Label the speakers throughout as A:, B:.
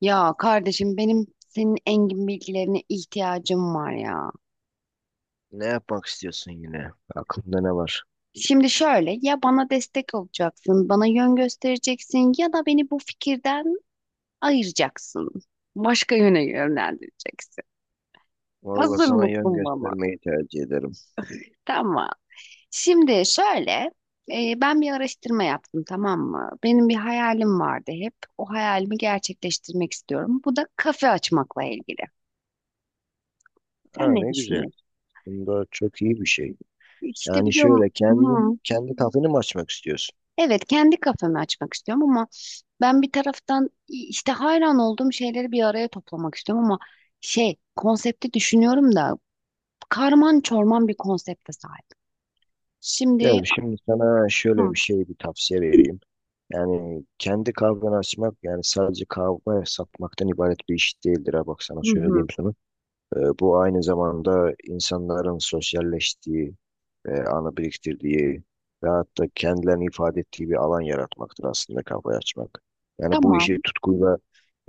A: Ya kardeşim benim senin engin bilgilerine ihtiyacım var ya.
B: Ne yapmak istiyorsun yine? Aklında ne var?
A: Şimdi şöyle ya bana destek olacaksın, bana yön göstereceksin ya da beni bu fikirden ayıracaksın. Başka yöne yönlendireceksin.
B: Vallahi
A: Hazır
B: sana yön
A: mısın bana?
B: göstermeyi tercih ederim.
A: Tamam. Şimdi şöyle ben bir araştırma yaptım, tamam mı? Benim bir hayalim vardı hep. O hayalimi gerçekleştirmek istiyorum. Bu da kafe açmakla ilgili. Sen
B: Aa
A: ne
B: ne güzel.
A: düşünüyorsun?
B: Bunda çok iyi bir şey.
A: İşte
B: Yani
A: biliyorum.
B: şöyle kendi
A: Hı.
B: kendi kafeni mi açmak istiyorsun?
A: Evet, kendi kafemi açmak istiyorum ama ben bir taraftan işte hayran olduğum şeyleri bir araya toplamak istiyorum ama şey konsepti düşünüyorum da karman çorman bir konsepte sahip. Şimdi
B: Gel şimdi sana şöyle
A: hı,
B: bir şey bir tavsiye vereyim. Yani kendi kahveni açmak yani sadece kahve satmaktan ibaret bir iş değildir ha bak sana
A: hı,
B: söyleyeyim
A: hı,
B: sana. Bu aynı zamanda insanların sosyalleştiği, anı biriktirdiği ve hatta kendilerini ifade ettiği bir alan yaratmaktır aslında kafayı açmak. Yani bu
A: tamam
B: işi tutkuyla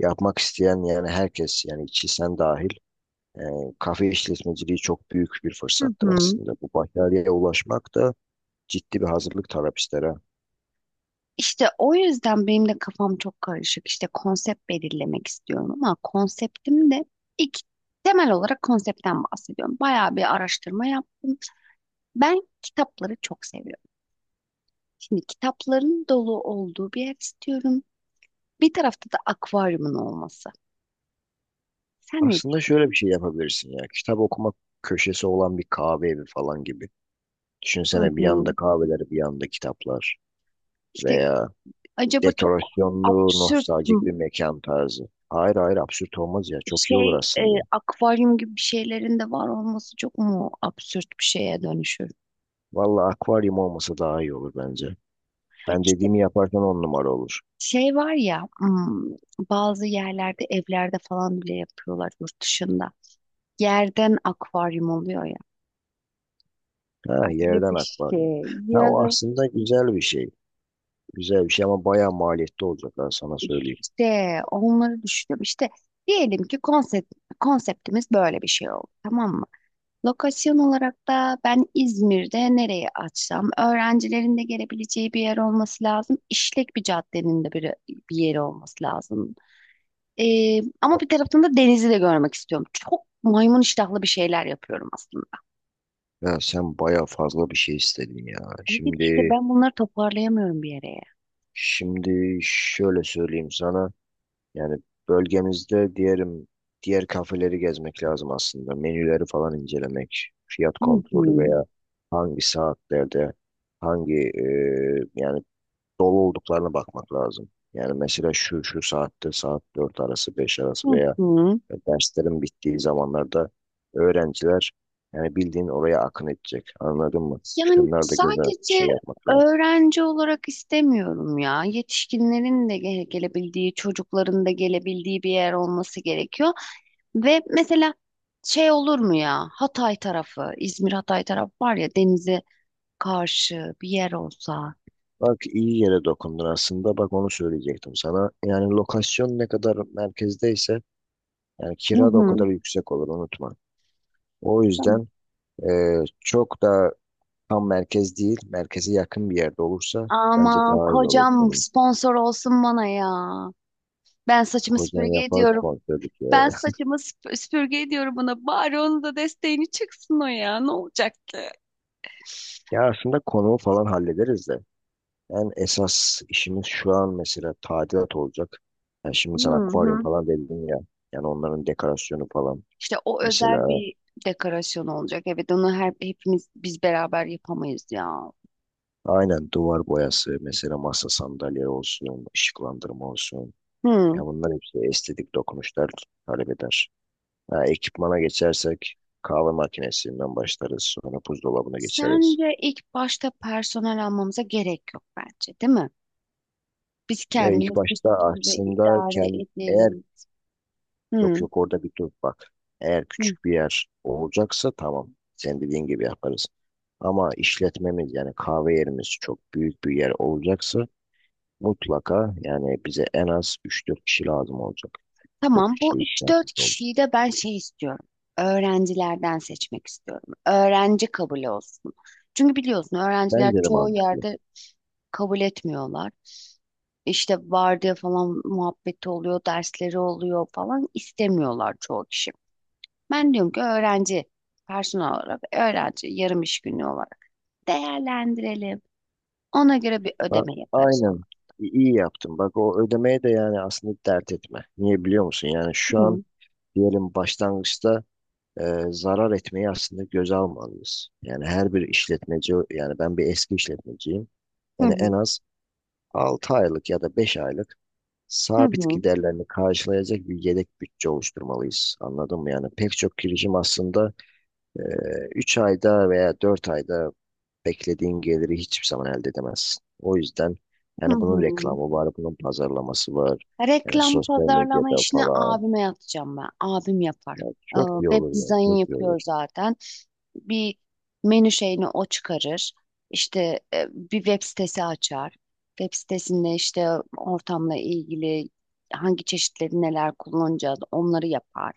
B: yapmak isteyen yani herkes yani içi sen dahil e, kafe işletmeciliği çok büyük bir
A: hı,
B: fırsattır
A: hı.
B: aslında. Bu başarıya ulaşmak da ciddi bir hazırlık talep ister ha.
A: İşte o yüzden benim de kafam çok karışık. İşte konsept belirlemek istiyorum ama konseptim de ilk temel olarak konseptten bahsediyorum. Bayağı bir araştırma yaptım. Ben kitapları çok seviyorum. Şimdi kitapların dolu olduğu bir ev istiyorum. Bir tarafta da akvaryumun olması. Sen ne
B: Aslında
A: diyorsun?
B: şöyle bir şey yapabilirsin ya. Kitap okuma köşesi olan bir kahve evi falan gibi.
A: Hı
B: Düşünsene bir yanda
A: hı.
B: kahveler, bir yanda kitaplar
A: İşte
B: veya
A: acaba çok
B: dekorasyonlu,
A: absürt
B: nostaljik
A: mü-
B: bir mekan tarzı. Hayır hayır absürt olmaz ya. Çok iyi olur
A: şey
B: aslında.
A: akvaryum gibi bir şeylerin de var olması çok mu absürt bir şeye dönüşür?
B: Vallahi akvaryum olması daha iyi olur bence. Ben
A: İşte
B: dediğimi yaparsan on numara olur.
A: şey var ya, bazı yerlerde evlerde falan bile yapıyorlar yurt dışında. Yerden akvaryum oluyor ya.
B: Ha
A: Öyle
B: yerden
A: bir
B: akvaryum.
A: şey.
B: Ha
A: Ya
B: o
A: da
B: aslında güzel bir şey. Güzel bir şey ama bayağı maliyetli olacak ben sana söyleyeyim.
A: işte onları düşünüyorum. İşte diyelim ki konsept, konseptimiz böyle bir şey oldu. Tamam mı? Lokasyon olarak da ben İzmir'de nereye açsam, öğrencilerin de gelebileceği bir yer olması lazım. İşlek bir caddenin de bir yeri olması lazım. Ama bir taraftan da denizi de görmek istiyorum. Çok maymun iştahlı bir şeyler yapıyorum aslında.
B: Ya sen bayağı fazla bir şey istedin ya.
A: Evet işte
B: Şimdi
A: ben bunları toparlayamıyorum bir yere.
B: şimdi şöyle söyleyeyim sana. Yani bölgemizde diyelim diğer kafeleri gezmek lazım aslında. Menüleri falan incelemek, fiyat
A: Hı hı.
B: kontrolü veya hangi saatlerde hangi yani dolu olduklarına bakmak lazım. Yani mesela şu saatte saat 4 arası 5
A: Hı
B: arası veya
A: hı.
B: derslerin bittiği zamanlarda öğrenciler yani bildiğin oraya akın edecek. Anladın mı?
A: Yani
B: Şunlar da göze
A: sadece
B: şey yapmak lazım.
A: öğrenci olarak istemiyorum ya. Yetişkinlerin de gelebildiği, çocukların da gelebildiği bir yer olması gerekiyor. Ve mesela şey olur mu ya, Hatay tarafı, İzmir Hatay tarafı var ya, denize karşı bir yer olsa.
B: Bak iyi yere dokundun aslında. Bak onu söyleyecektim sana. Yani lokasyon ne kadar merkezdeyse yani
A: Hı
B: kira da o
A: hı.
B: kadar yüksek olur unutma. O
A: Tamam.
B: yüzden çok da tam merkez değil, merkeze yakın bir yerde olursa bence
A: Aman
B: daha iyi olur.
A: kocam
B: Yani
A: sponsor olsun bana ya. Ben saçımı
B: Kozan
A: süpürge
B: yapar
A: ediyorum.
B: dedik ya.
A: Ben saçımı süpürge ediyorum bana. Bari onun da desteğini çıksın o ya. Ne olacak ki?
B: Ya aslında konuğu falan hallederiz de. Yani esas işimiz şu an mesela tadilat olacak. Yani şimdi
A: Hı
B: sana akvaryum
A: hı.
B: falan dedim ya. Yani onların dekorasyonu falan.
A: İşte o özel
B: Mesela
A: bir dekorasyon olacak. Evet onu her, hepimiz biz beraber yapamayız ya.
B: aynen duvar boyası mesela masa sandalye olsun, ışıklandırma olsun.
A: Hı.
B: Ya bunlar hepsi estetik dokunuşlar talep eder. Ha, ekipmana geçersek kahve makinesinden başlarız. Sonra buzdolabına geçeriz.
A: Sence ilk başta personel almamıza gerek yok bence, değil mi? Biz
B: Ya ilk
A: kendimiz bir
B: başta
A: süre
B: aslında
A: idare
B: eğer
A: ederiz.
B: yok
A: Hı,
B: yok orada bir dur bak. Eğer
A: hı.
B: küçük bir yer olacaksa tamam. Sen dediğin gibi yaparız. Ama işletmemiz yani kahve yerimiz çok büyük bir yer olacaksa mutlaka yani bize en az üç dört kişi lazım olacak. Böyle
A: Tamam,
B: bir
A: bu
B: şey
A: üç dört
B: ihtiyacımız oldu.
A: kişiyi de ben şey istiyorum. Öğrencilerden seçmek istiyorum. Öğrenci kabul olsun. Çünkü biliyorsun öğrenciler
B: Bence de
A: çoğu
B: mantıklı.
A: yerde kabul etmiyorlar. İşte vardiya falan muhabbeti oluyor, dersleri oluyor falan istemiyorlar çoğu kişi. Ben diyorum ki öğrenci, personel olarak öğrenci yarım iş günü olarak değerlendirelim. Ona göre bir
B: Ha,
A: ödeme yaparız ona.
B: aynen. İyi yaptın. Bak o ödemeye de yani aslında dert etme. Niye biliyor musun? Yani şu an
A: Hı
B: diyelim başlangıçta e, zarar etmeyi aslında göze almalıyız. Yani her bir işletmeci, yani ben bir eski işletmeciyim.
A: hı
B: Yani en
A: hı
B: az 6 aylık ya da 5 aylık
A: hı
B: sabit
A: hı.
B: giderlerini karşılayacak bir yedek bütçe oluşturmalıyız. Anladın mı? Yani pek çok girişim aslında 3 ayda veya 4 ayda beklediğin geliri hiçbir zaman elde edemezsin. O yüzden
A: Hı
B: yani bunun
A: hı.
B: reklamı var, bunun pazarlaması var. Yani
A: Reklam
B: sosyal
A: pazarlama
B: medyada
A: işini
B: falan.
A: abime yatacağım ben. Abim yapar.
B: Ya
A: Ee,
B: çok iyi
A: web
B: olur ya,
A: dizayn
B: çok iyi
A: yapıyor
B: olur.
A: zaten. Bir menü şeyini o çıkarır. İşte bir web sitesi açar. Web sitesinde işte ortamla ilgili hangi çeşitleri neler kullanacağız onları yapar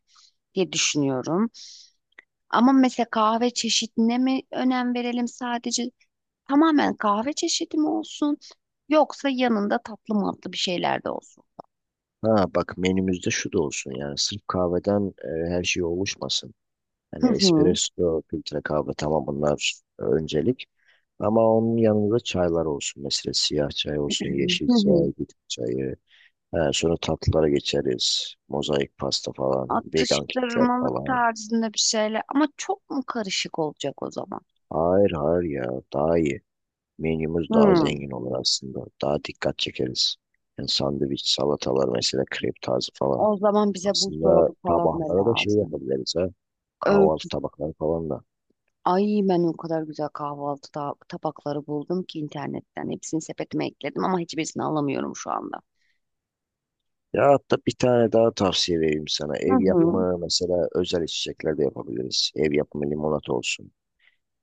A: diye düşünüyorum. Ama mesela kahve çeşidine mi önem verelim sadece? Tamamen kahve çeşidi mi olsun? Yoksa yanında tatlı matlı bir şeyler de olsun.
B: Ha bak menümüzde şu da olsun yani sırf kahveden her şey oluşmasın.
A: Hı
B: Hani
A: hı.
B: espresso, filtre kahve tamam bunlar öncelik. Ama onun yanında çaylar olsun. Mesela siyah çay olsun, yeşil
A: Hı
B: çay,
A: hı.
B: bitki çayı. He, sonra tatlılara geçeriz. Mozaik pasta falan. Vegan kitler
A: Atıştırmalık
B: falan.
A: tarzında bir şeyler. Ama çok mu karışık olacak o zaman?
B: Hayır hayır ya. Daha iyi. Menümüz daha
A: Hı.
B: zengin olur aslında. Daha dikkat çekeriz. Yani sandviç, salatalar mesela krep tarzı falan.
A: O zaman bize
B: Aslında
A: buzdolabı falan da
B: tabaklara da şey
A: lazım.
B: yapabiliriz ha. Kahvaltı
A: Öğüt.
B: tabakları falan da.
A: Ay, ben o kadar güzel kahvaltı tabakları buldum ki internetten. Hepsini sepetime ekledim ama hiçbirisini alamıyorum şu anda.
B: Ya hatta bir tane daha tavsiye vereyim sana.
A: Hı
B: Ev
A: hı.
B: yapımı mesela özel içecekler de yapabiliriz. Ev yapımı limonata olsun.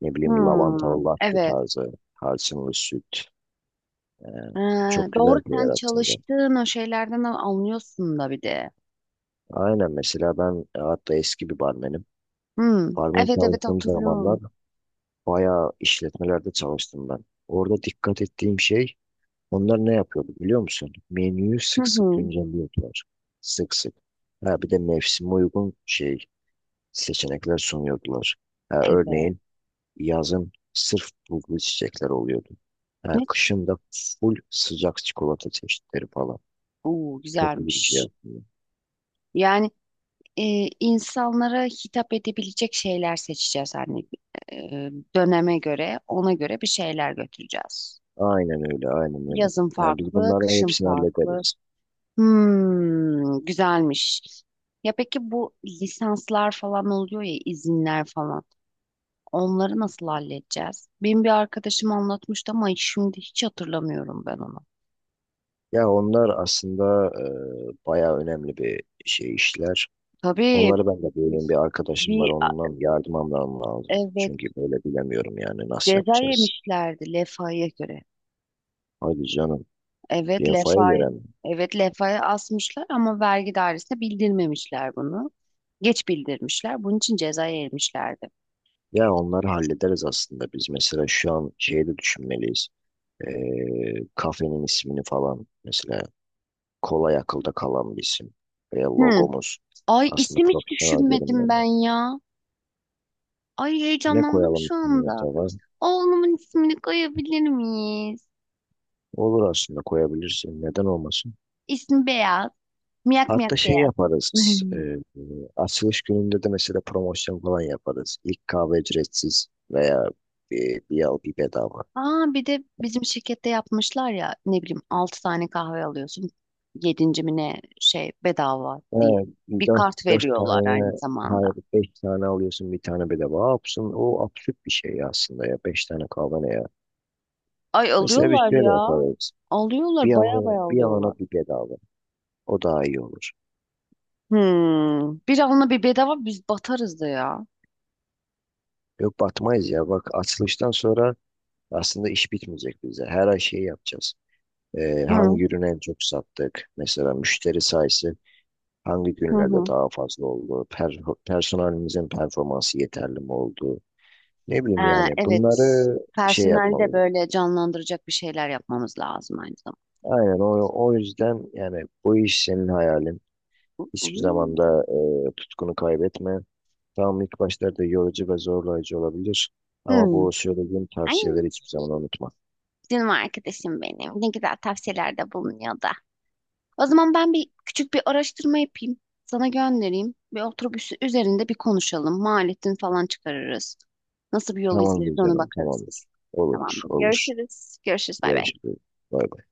B: Ne
A: Hı.
B: bileyim lavantalı latte
A: Evet.
B: tarzı. Tarçınlı süt. Ee,
A: Ee,
B: Çok
A: doğru
B: güzel şeyler
A: sen
B: aslında.
A: çalıştığın o şeylerden anlıyorsun da bir de.
B: Aynen mesela ben hatta eski bir barmenim.
A: Hı.
B: Barmen
A: Evet, evet
B: çalıştığım zamanlar
A: hatırlıyorum.
B: bayağı işletmelerde çalıştım ben. Orada dikkat ettiğim şey onlar ne yapıyordu biliyor musun? Menüyü
A: Hı
B: sık sık
A: hı.
B: güncelliyordular. Sık sık. Ha, bir de mevsime uygun seçenekler sunuyordular. Ha,
A: Evet.
B: örneğin yazın sırf bulgur çiçekler oluyordu. Ha,
A: Ne?
B: kışın da full sıcak çikolata çeşitleri falan.
A: Oo,
B: Çok iyi bir şey
A: güzelmiş.
B: aslında.
A: Yani e, insanlara hitap edebilecek şeyler seçeceğiz, hani e, döneme göre, ona göre bir şeyler götüreceğiz.
B: Aynen öyle, aynen öyle.
A: Yazın
B: Yani biz
A: farklı,
B: bunların
A: kışın
B: hepsini
A: farklı.
B: hallederiz.
A: Hmm, güzelmiş. Ya peki bu lisanslar falan oluyor ya, izinler falan. Onları nasıl halledeceğiz? Benim bir arkadaşım anlatmıştı ama şimdi hiç hatırlamıyorum ben onu.
B: Ya onlar aslında bayağı önemli bir şey işler.
A: Tabii
B: Onları ben de böyle bir arkadaşım var,
A: bir,
B: onunla bir yardım almam lazım.
A: evet,
B: Çünkü böyle bilemiyorum yani nasıl
A: ceza
B: yapacağız.
A: yemişlerdi Lefa'ya göre.
B: Hadi canım,
A: Evet,
B: DFA'ya
A: Lefa'yı,
B: göre mi?
A: evet Lefa'ya asmışlar ama vergi dairesine bildirmemişler bunu. Geç bildirmişler. Bunun için ceza yemişlerdi.
B: Ya onları hallederiz aslında. Biz mesela şu an şeyi de düşünmeliyiz. E, kafenin ismini falan mesela kolay akılda kalan bir isim. Veya
A: Hmm.
B: logomuz
A: Ay
B: aslında
A: isim hiç
B: profesyonel
A: düşünmedim
B: görünmeli.
A: ben ya. Ay
B: Ne
A: heyecanlandım
B: koyalım
A: şu
B: üstüne
A: anda.
B: acaba?
A: Oğlumun ismini koyabilir miyiz?
B: Olur aslında koyabilirsin. Neden olmasın?
A: İsmi Beyaz. Miyak miyak
B: Hatta şey
A: Beyaz.
B: yaparız. Açılış gününde de mesela promosyon falan yaparız. İlk kahve ücretsiz veya bir al bir bedava.
A: Aa bir de bizim şirkette yapmışlar ya, ne bileyim 6 tane kahve alıyorsun. 7. mi ne şey bedava diye.
B: Evet,
A: Bir
B: dört,
A: kart
B: dört
A: veriyorlar aynı
B: tane
A: zamanda.
B: hayır beş tane alıyorsun bir tane bedava. Absın, o absürt bir şey aslında ya. Beş tane kahve ne ya?
A: Ay
B: Mesela biz
A: alıyorlar
B: şöyle
A: ya.
B: yaparız.
A: Alıyorlar
B: Bir
A: baya
B: alana
A: baya
B: bir,
A: alıyorlar.
B: alana bir bedava. O daha iyi olur.
A: Hmm. Bir alına bir bedava biz batarız da ya.
B: Yok batmayız ya. Bak açılıştan sonra aslında iş bitmeyecek bize. Her ay şey yapacağız.
A: Hı
B: Hangi ürünü en çok sattık? Mesela müşteri sayısı hangi
A: hı
B: günlerde
A: hı.
B: daha fazla oldu? Personelimizin performansı yeterli mi oldu? Ne bileyim
A: Ha,
B: yani
A: evet.
B: bunları şey
A: Personeli de
B: yapmalıyız.
A: böyle canlandıracak bir şeyler yapmamız lazım aynı zamanda.
B: Aynen o yüzden yani bu iş senin hayalin. Hiçbir zaman da tutkunu kaybetme. Tamam ilk başlarda yorucu ve zorlayıcı olabilir.
A: Hı.
B: Ama
A: Hı.
B: bu söylediğim
A: Ay
B: tavsiyeleri hiçbir zaman unutma.
A: canım arkadaşım benim. Ne güzel tavsiyelerde bulunuyordu. O zaman ben bir küçük bir araştırma yapayım. Sana göndereyim. Bir otobüsü üzerinde bir konuşalım. Maliyetini falan çıkarırız. Nasıl bir yol
B: Tamamdır
A: izleriz ona
B: canım,
A: bakarız biz.
B: tamamdır. Olur,
A: Tamamdır.
B: olur.
A: Görüşürüz. Görüşürüz. Bay bay.
B: Görüşürüz. Bay bay.